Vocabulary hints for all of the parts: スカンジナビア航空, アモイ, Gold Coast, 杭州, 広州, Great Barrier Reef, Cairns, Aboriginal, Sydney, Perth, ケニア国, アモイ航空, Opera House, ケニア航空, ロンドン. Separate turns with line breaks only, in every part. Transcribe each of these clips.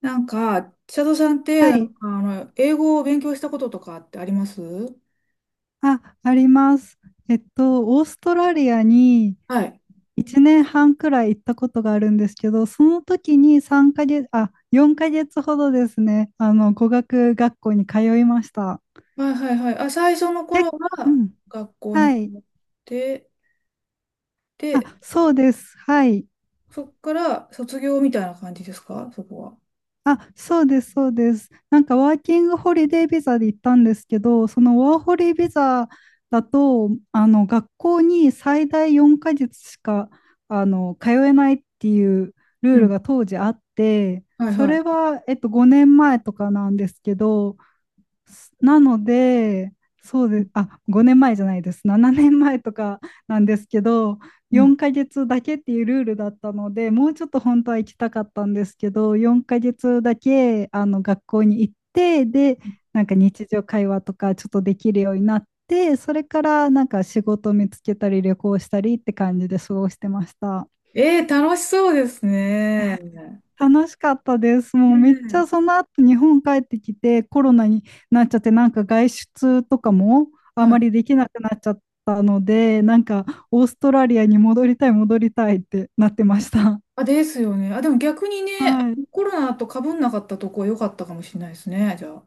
なんか、千里さんって、
は
な
い。
んか、英語を勉強したこととかってありますは
あ、あります。オーストラリアに
い。
1年半くらい行ったことがあるんですけど、その時に3ヶ月、あ、4ヶ月ほどですね、語学学校に通いました。
はいはいはい。あ、最初の頃
け、う
は
ん。
学校に
は
通
い。
って、
あ、
で、
そうです。はい。
そっから卒業みたいな感じですか、そこは？
あ、そうです、そうです。なんかワーキングホリデービザで行ったんですけど、そのワーホリビザだと、あの学校に最大4ヶ月しか通えないっていうルー
う
ル
ん。
が当時あって、
はい
そ
は
れ
い。
は、5年前とかなんですけど、なので、あ、5年前じゃないです。7年前とかなんですけど、
うん。
4ヶ月だけっていうルールだったので、もうちょっと本当は行きたかったんですけど、4ヶ月だけあの学校に行って、で、なんか日常会話とかちょっとできるようになって、それからなんか仕事を見つけたり旅行したりって感じで過ごしてました。
楽しそうですね。ね
楽しかったです。
え。
もうめっちゃその後日本帰ってきてコロナになっちゃってなんか外出とかもあ
は
ま
い。
りできなくなっちゃったのでなんかオーストラリアに戻りたい戻りたいってなってました。
あ、ですよね。あ、でも逆にね、
はい。
コロナと被んなかったとこ良かったかもしれないですね、じゃあ。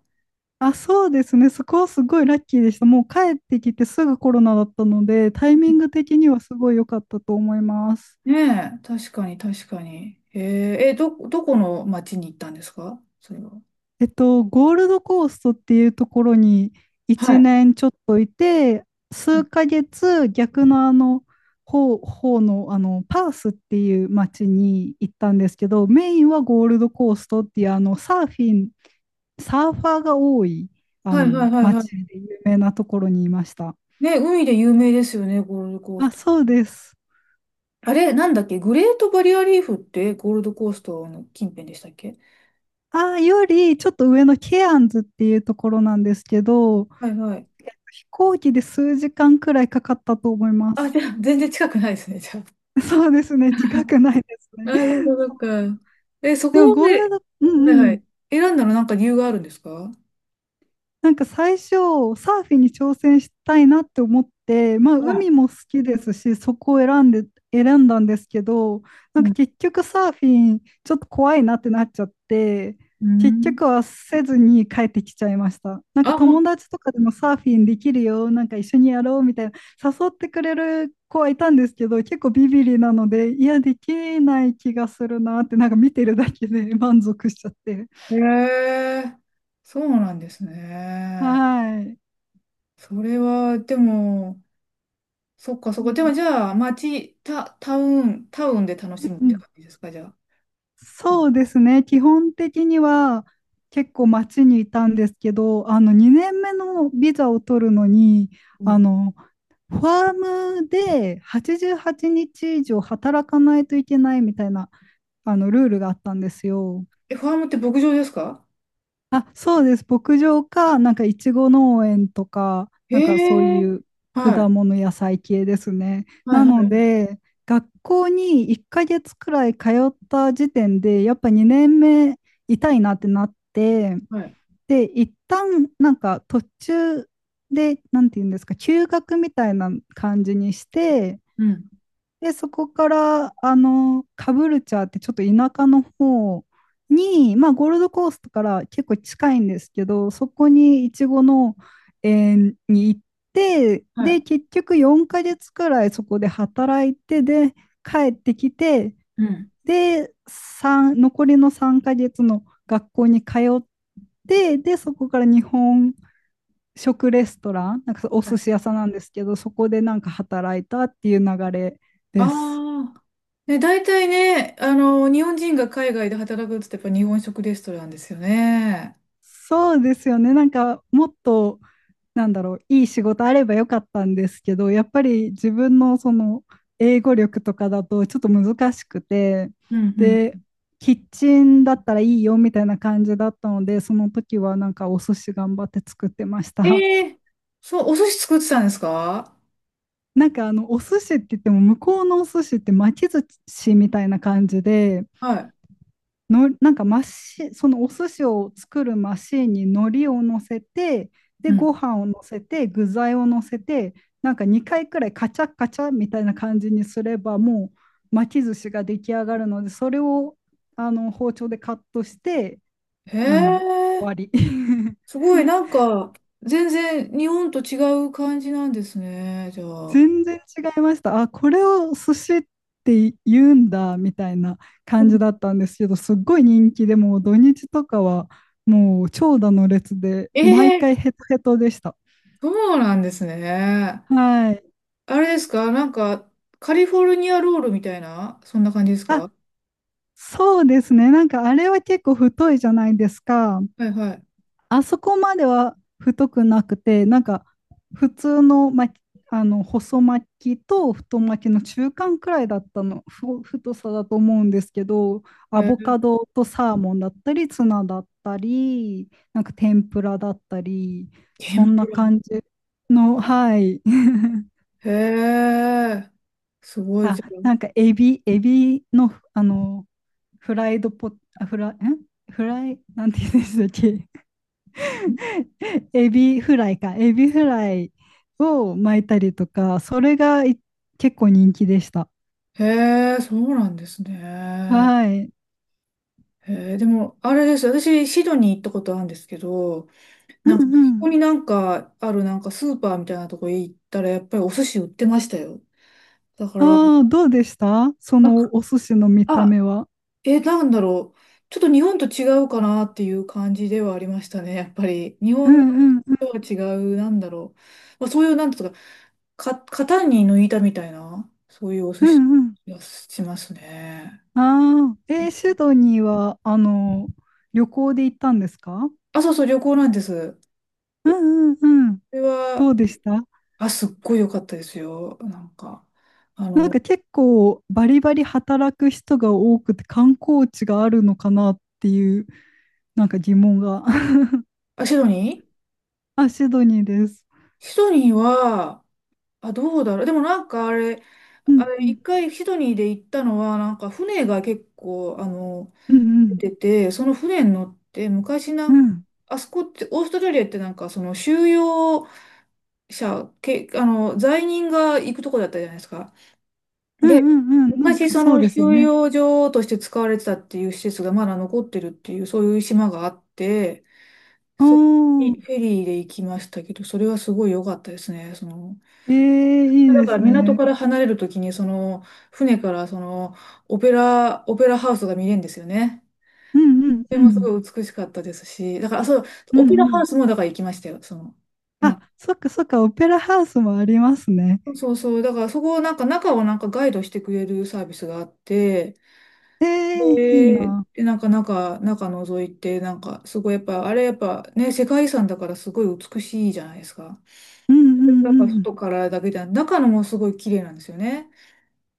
あ、そうですね。そこはすごいラッキーでした。もう帰ってきてすぐコロナだったのでタイミング的にはすごい良かったと思います。
ねえ、確かに確かに。へえー、どこの町に行ったんですか、それは？
ゴールドコーストっていうところに
は
1
い。
年ちょっといて、
うん。
数ヶ月逆の方の、パースっていう町に行ったんですけど、メインはゴールドコーストっていうサーフィン、サーファーが多い
はいはいはいは
町
い。
で有名なところにいました。
ね、海で有名ですよね、ゴールドコー
あ、
スト。
そうです。
あれ、なんだっけ、グレートバリアリーフってゴールドコーストの近辺でしたっけ？
あ、よりちょっと上のケアンズっていうところなんですけど、
はいはい。
飛行機で数時間くらいかかったと思いま
あ、
す。
じゃあ、全然近くないですね、じゃあ。
そうですね、近 くないです
あ、
ね。
そっかそ
そ
っ
う。
か。そこ
でもゴール
で、
ドうん
はい
う
は
ん。
い、選んだのなんか理由があるんですか？
なんか最初、サーフィンに挑戦したいなって思って、まあ、
は
海も好きですし、そこを選んだんですけど、
い。
なん
う
か
ん。
結局サーフィン、ちょっと怖いなってなっちゃって、
う
結
ん。
局はせずに帰ってきちゃいました。なんか
あ、ほ
友達とかでもサーフィンできるよ、なんか一緒にやろうみたいな、誘ってくれる子はいたんですけど、結構ビビリなので、いや、できない気がするなって、なんか見てるだけで満足しちゃって。
へえ、そうなんですね。
はい。
それは、でも、そっかそっか。でもじゃあ、町タ、タウン、タウンで楽しむっ
う
て
ん、
感じですか、じゃあ。
そうですね。基本的には結構街にいたんですけど、2年目のビザを取るのに、
う
あ
ん。
のファームで88日以上働かないといけないみたいなあのルールがあったんですよ。
ファームって牧場ですか？
あ、そうです。牧場か、なんかいちご農園とか、なんかそう
へ
い
え。
う果
はい。
物野菜系ですね。
は
な
いは
の
い
で、学校に1ヶ月くらい通った時点で、やっぱ2年目痛いなってなって、
はい。
で、一旦なんか途中で、なんていうんですか、休学みたいな感じにして、
うん。
で、そこから、カブルチャーってちょっと田舎の方に、まあ、ゴールドコーストから結構近いんですけど、そこにイチゴの園に行って、
は
で、
い。
結局4ヶ月くらいそこで働いて、で、帰ってきて、
うん。
で、残りの3ヶ月の学校に通って、で、そこから日本食レストラン、なんかお
は
寿
い。
司屋さんなんですけど、そこでなんか働いたっていう流れです。
ああ。ね、大体ね、日本人が海外で働くって言ったらやっぱ日本食レストランですよね。
そうですよね。なんかもっとなんだろういい仕事あればよかったんですけど、やっぱり自分のその英語力とかだとちょっと難しくて、
うんう
で
ん。
キッチンだったらいいよみたいな感じだったので、その時はなんかお寿司頑張って作ってました。
ええ。そう、お寿司作ってたんですか？
なんかあのお寿司って言っても向こうのお寿司って巻き寿司みたいな感じで
はい。
のなんかそのお寿司を作るマシーンに海苔を乗せてで
うん。
ご飯を乗せて具材を乗せてなんか2回くらいカチャカチャみたいな感じにすればもう巻き寿司が出来上がるのでそれを包丁でカットして、
へ
うん、終
え。
わり。
すごい、なんか、全然日本と違う感じなんですね、じゃあ。
全然違いました。あ、これを寿司って言うんだみたいな
う
感
ん。
じだったんですけど、すっごい人気でもう土日とかはもう長蛇の列で
え
毎
え。
回ヘトヘトでした。
そうなんですね。
はい。
あれですか、なんか、カリフォルニアロールみたいな、そんな感じです
あ、
か？
そうですね。なんかあれは結構太いじゃないですか。
はいはい。
あそこまでは太くなくて、なんか普通の巻き、細巻きと太巻きの中間くらいだったの、太さだと思うんですけど、ア
え
ボ
え。
カドとサーモンだったり、ツナだったり、なんか天ぷらだったり、そ
天
ん
ぷ
な
ら。
感じの、はい。
へえ、すごい
あ、
じゃん。
なんかエビの、フライドポ、あフラ、んフライ、なんて言うんでしたっけ？ エビフライか、エビフライを巻いたりとか、それが結構人気でした。
へえ、そうなんですね。
はい。
へえ、でも、あれです。私、シドニー行ったことあるんですけど、
う
なんか、こ
んう
こ
ん。
になんかあるなんかスーパーみたいなとこ行ったら、やっぱりお寿司売ってましたよ。だから、
ああ、どうでしたそ
あ、
のお寿司の見た
あ、
目は？
なんだろう。ちょっと日本と違うかなっていう感じではありましたね、やっぱり。日
うんう
本
んうん
とは違う、なんだろう。まあ、そういう、なんていうか、型に抜いたみたいな、そういうお
う
寿司
んうん。
がしますね。
ああ、えーシドニーは、旅行で行ったんですか？
あ、そうそう、旅行なんです。こ
うんうんうん。
れ
ど
は、
うでした？
あ、すっごい良かったですよ。なんか、あ
なん
の、
か結構バリバリ働く人が多くて観光地があるのかなっていう、なんか疑問が。
あ、シドニー
あ、シドニーです。
シドニーは、あ、どうだろう。でもなんかあれ、
う
あ
んう
れ、
ん。
一回シドニーで行ったのは、なんか船が結構、
うんうん。
出てて、その船に乗って、昔な
う
んか、
ん。
あそこって、オーストラリアってなんか、その収容者、け、あの、罪人が行くとこだったじゃないですか。
うん
で、
うんうん。なん
昔
か
そ
そう
の
ですよ
収
ね。
容所として使われてたっていう施設がまだ残ってるっていう、そういう島があって、
お
そこ
ー、
にフェリーで行きましたけど、それはすごい良かったですね。
ええ、いい
だ
で
から
す
港
ね。
から離れるときに、その、船からその、オペラハウスが見れるんですよね。
うんうん
それ
う
もす
ん。
ごい美しかったですし、だから、あそう、
うん
オペラ
う
ハウ
ん。
スもだから行きましたよ、
あ、
な、
そっかそっか、オペラハウスもありますね。
そうそう、だからそこをなんか中をなんかガイドしてくれるサービスがあって、
ええ、いい
で、
な。
でなんか中覗いて、なんかすごいやっぱ、あれやっぱね、世界遺産だからすごい美しいじゃないですか。
うんうん
だか
う
ら
ん。
外からだけじゃなく、中のもすごい綺麗なんですよね。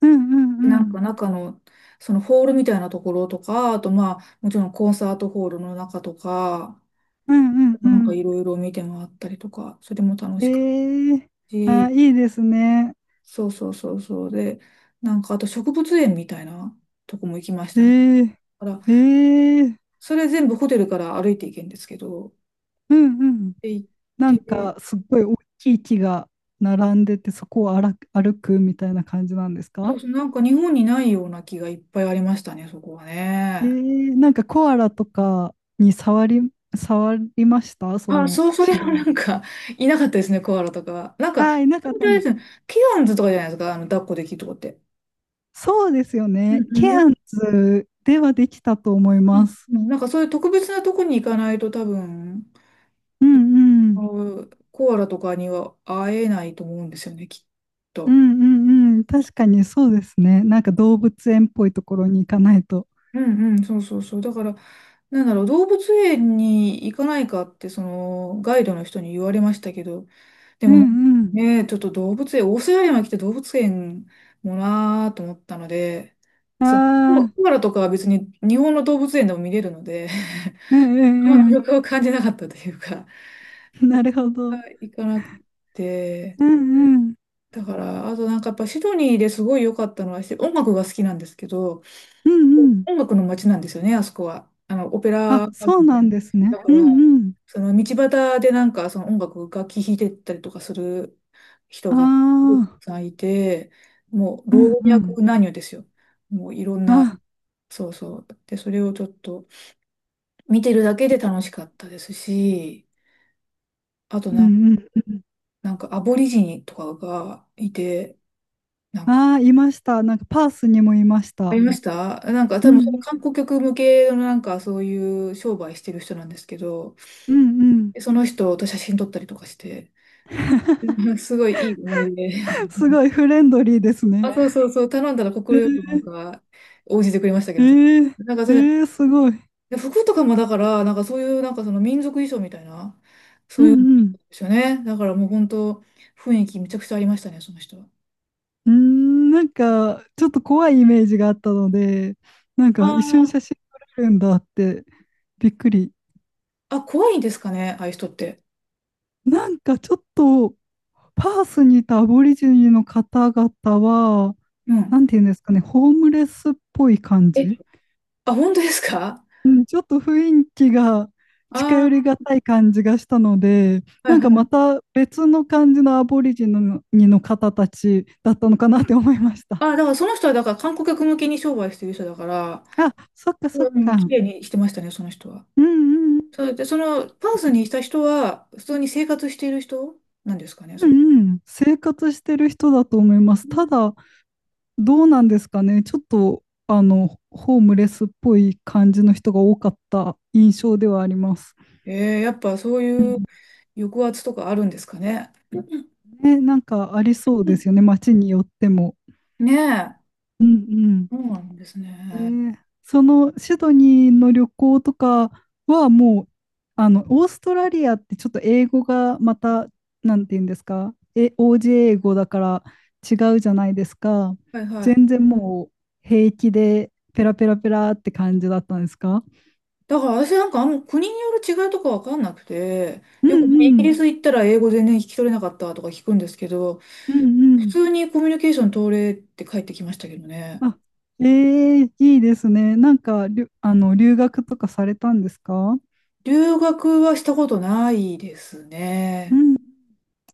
うんうん
な
う
ん
ん。
か中の、そのホールみたいなところとか、あとまあ、もちろんコンサートホールの中とか、
うんうんう
なんか
ん。
いろいろ見て回ったりとか、それも楽しかっ
ええ。
た
あ、
し、
いいですね。
そうそうそうそう。で、なんかあと植物園みたいなとこも行きましたね。
ええ。
だから、
ええ。
それ全部ホテルから歩いていけんですけど、
うんうん。
で行っ
なん
て、
かすっごい大きい木が並んでて、そこを歩く歩くみたいな感じなんです
そ
か？
うそう、なんか日本にないような気がいっぱいありましたね、そこは
え
ね。
ー、なんかコアラとかに触りましたそ
あ、
の
そう、そ
手
れは
段。
なんか、いなかったですね、コアラとかは。なんか、
ああ、いなかっ
本当に
たん
あ
で
で
す。
すねケアンズとかじゃないですか、抱っこできるとこって。
そうですよ
う
ね。
ん
ケ
うん
アン
う
ズではできたと思います。
ん。なんかそういう特別なとこに行かないと多分、
うんう
あ
ん。
のコアラとかには会えないと思うんですよね、きっ
う
と。
んうんうん。確かにそうですね。なんか動物園っぽいところに行かないと。
うんうん、そうそうそう。だから、なんだろう、動物園に行かないかって、その、ガイドの人に言われましたけど、で
う
も
んうん。
ね、ちょっと動物園、オーストラリアに来て動物園もなーと思ったので、
あ
その、コ
あ、
アラとかは別に日本の動物園でも見れるので、
う
あの
んう
魅
ん
力を感じなかったというか、
うん。なるほど。
行かなくて、
うんうん。
だから、あとなんかやっぱシドニーですごい良かったのは、音楽が好きなんですけど、
うんうん。
音楽の街なんですよね、あそこは。オペラハ
あ、
ウ
そう
ス
な
で。
んですね。
だか
う
ら、
んう
その道端でなんかその楽器弾いてったりとかする人がたく
ん。ああ、
さんいて、もう
うん
老
う
若
ん。
男女ですよ。もういろんな、
あ、
そうそう。で、それをちょっと見てるだけで楽しかったですし、あと
う
なん、
んうん。
なんかアボリジニとかがいて、なんか、
ああ、いました。なんかパースにもいまし
あ
た。
りました。なんか
う
多分その
ん、
観光客向けのなんかそういう商売してる人なんですけど、
うん、うん。
でその人と写真撮ったりとかして、すごいいい思い出。
すごいフレンドリーです
あ、
ね。
そうそうそう、頼んだら
え
快くなん
ー、
か応じてくれましたけ
え
ど、
ー、
なんか
え
それで、
ー、すごい。
で服とかもだから、なんかそういうなんかその民族衣装みたいな、
う
そういうん
ん、う
で
ん。
すよね。だからもう本当、雰囲気めちゃくちゃありましたね、その人は。
うーん、なんか、ちょっと怖いイメージがあったので、なんか一緒に写
あ
真撮れるんだってびっくり。
あ、あ、怖いんですかね、ああいう人って。
なんかちょっと、パースにいたアボリジニの方々は、
うん。
なんていうんですかね、ホームレスっぽい感
え、
じ、
あ、本当ですか？
うん、ちょっと雰囲気が近
あ
寄り
あ
がたい感じがしたので、
ー、はい
なんか
は
ま
い。
た別の感じのアボリジニの方たちだったのかなって思いました。
ああ、だからその人はだから観光客向けに商売してる人だから、
あ、そっかそっ
うん、綺
か。
麗にしてましたね、その人は。
うんうん。
それで、その、パースにいた人は、普通に生活している人なんですかね、
う
それ。
んうん。生活してる人だと思います。ただ、どうなんですかね。ちょっと、ホームレスっぽい感じの人が多かった印象ではあります。
ええ、やっぱそう
う
いう
ん、
抑圧とかあるんですかね。うん
ね、なんかありそう
う
で
ん。
すよね。街によっても。
ねえ、
うんうん。
そうなんです
え
ね。
ー、そのシドニーの旅行とかはもう、オーストラリアってちょっと英語がまた、なんて言うんですか、OJ 英語だから違うじゃないですか。
はいはい。
全然もう平気でペラペラペラって感じだったんですか？
だから私なんかあんま国による違いとかわかんなくて、
うん
よくイ
う
ギ
ん、
リス行ったら英語全然聞き取れなかったとか聞くんですけど、
うんう
普
ん。
通にコミュニケーション取れって帰ってきましたけどね。
あ、ええ、いいですね。なんか、留学とかされたんですか？
留学はしたことないです
う
ね。
ん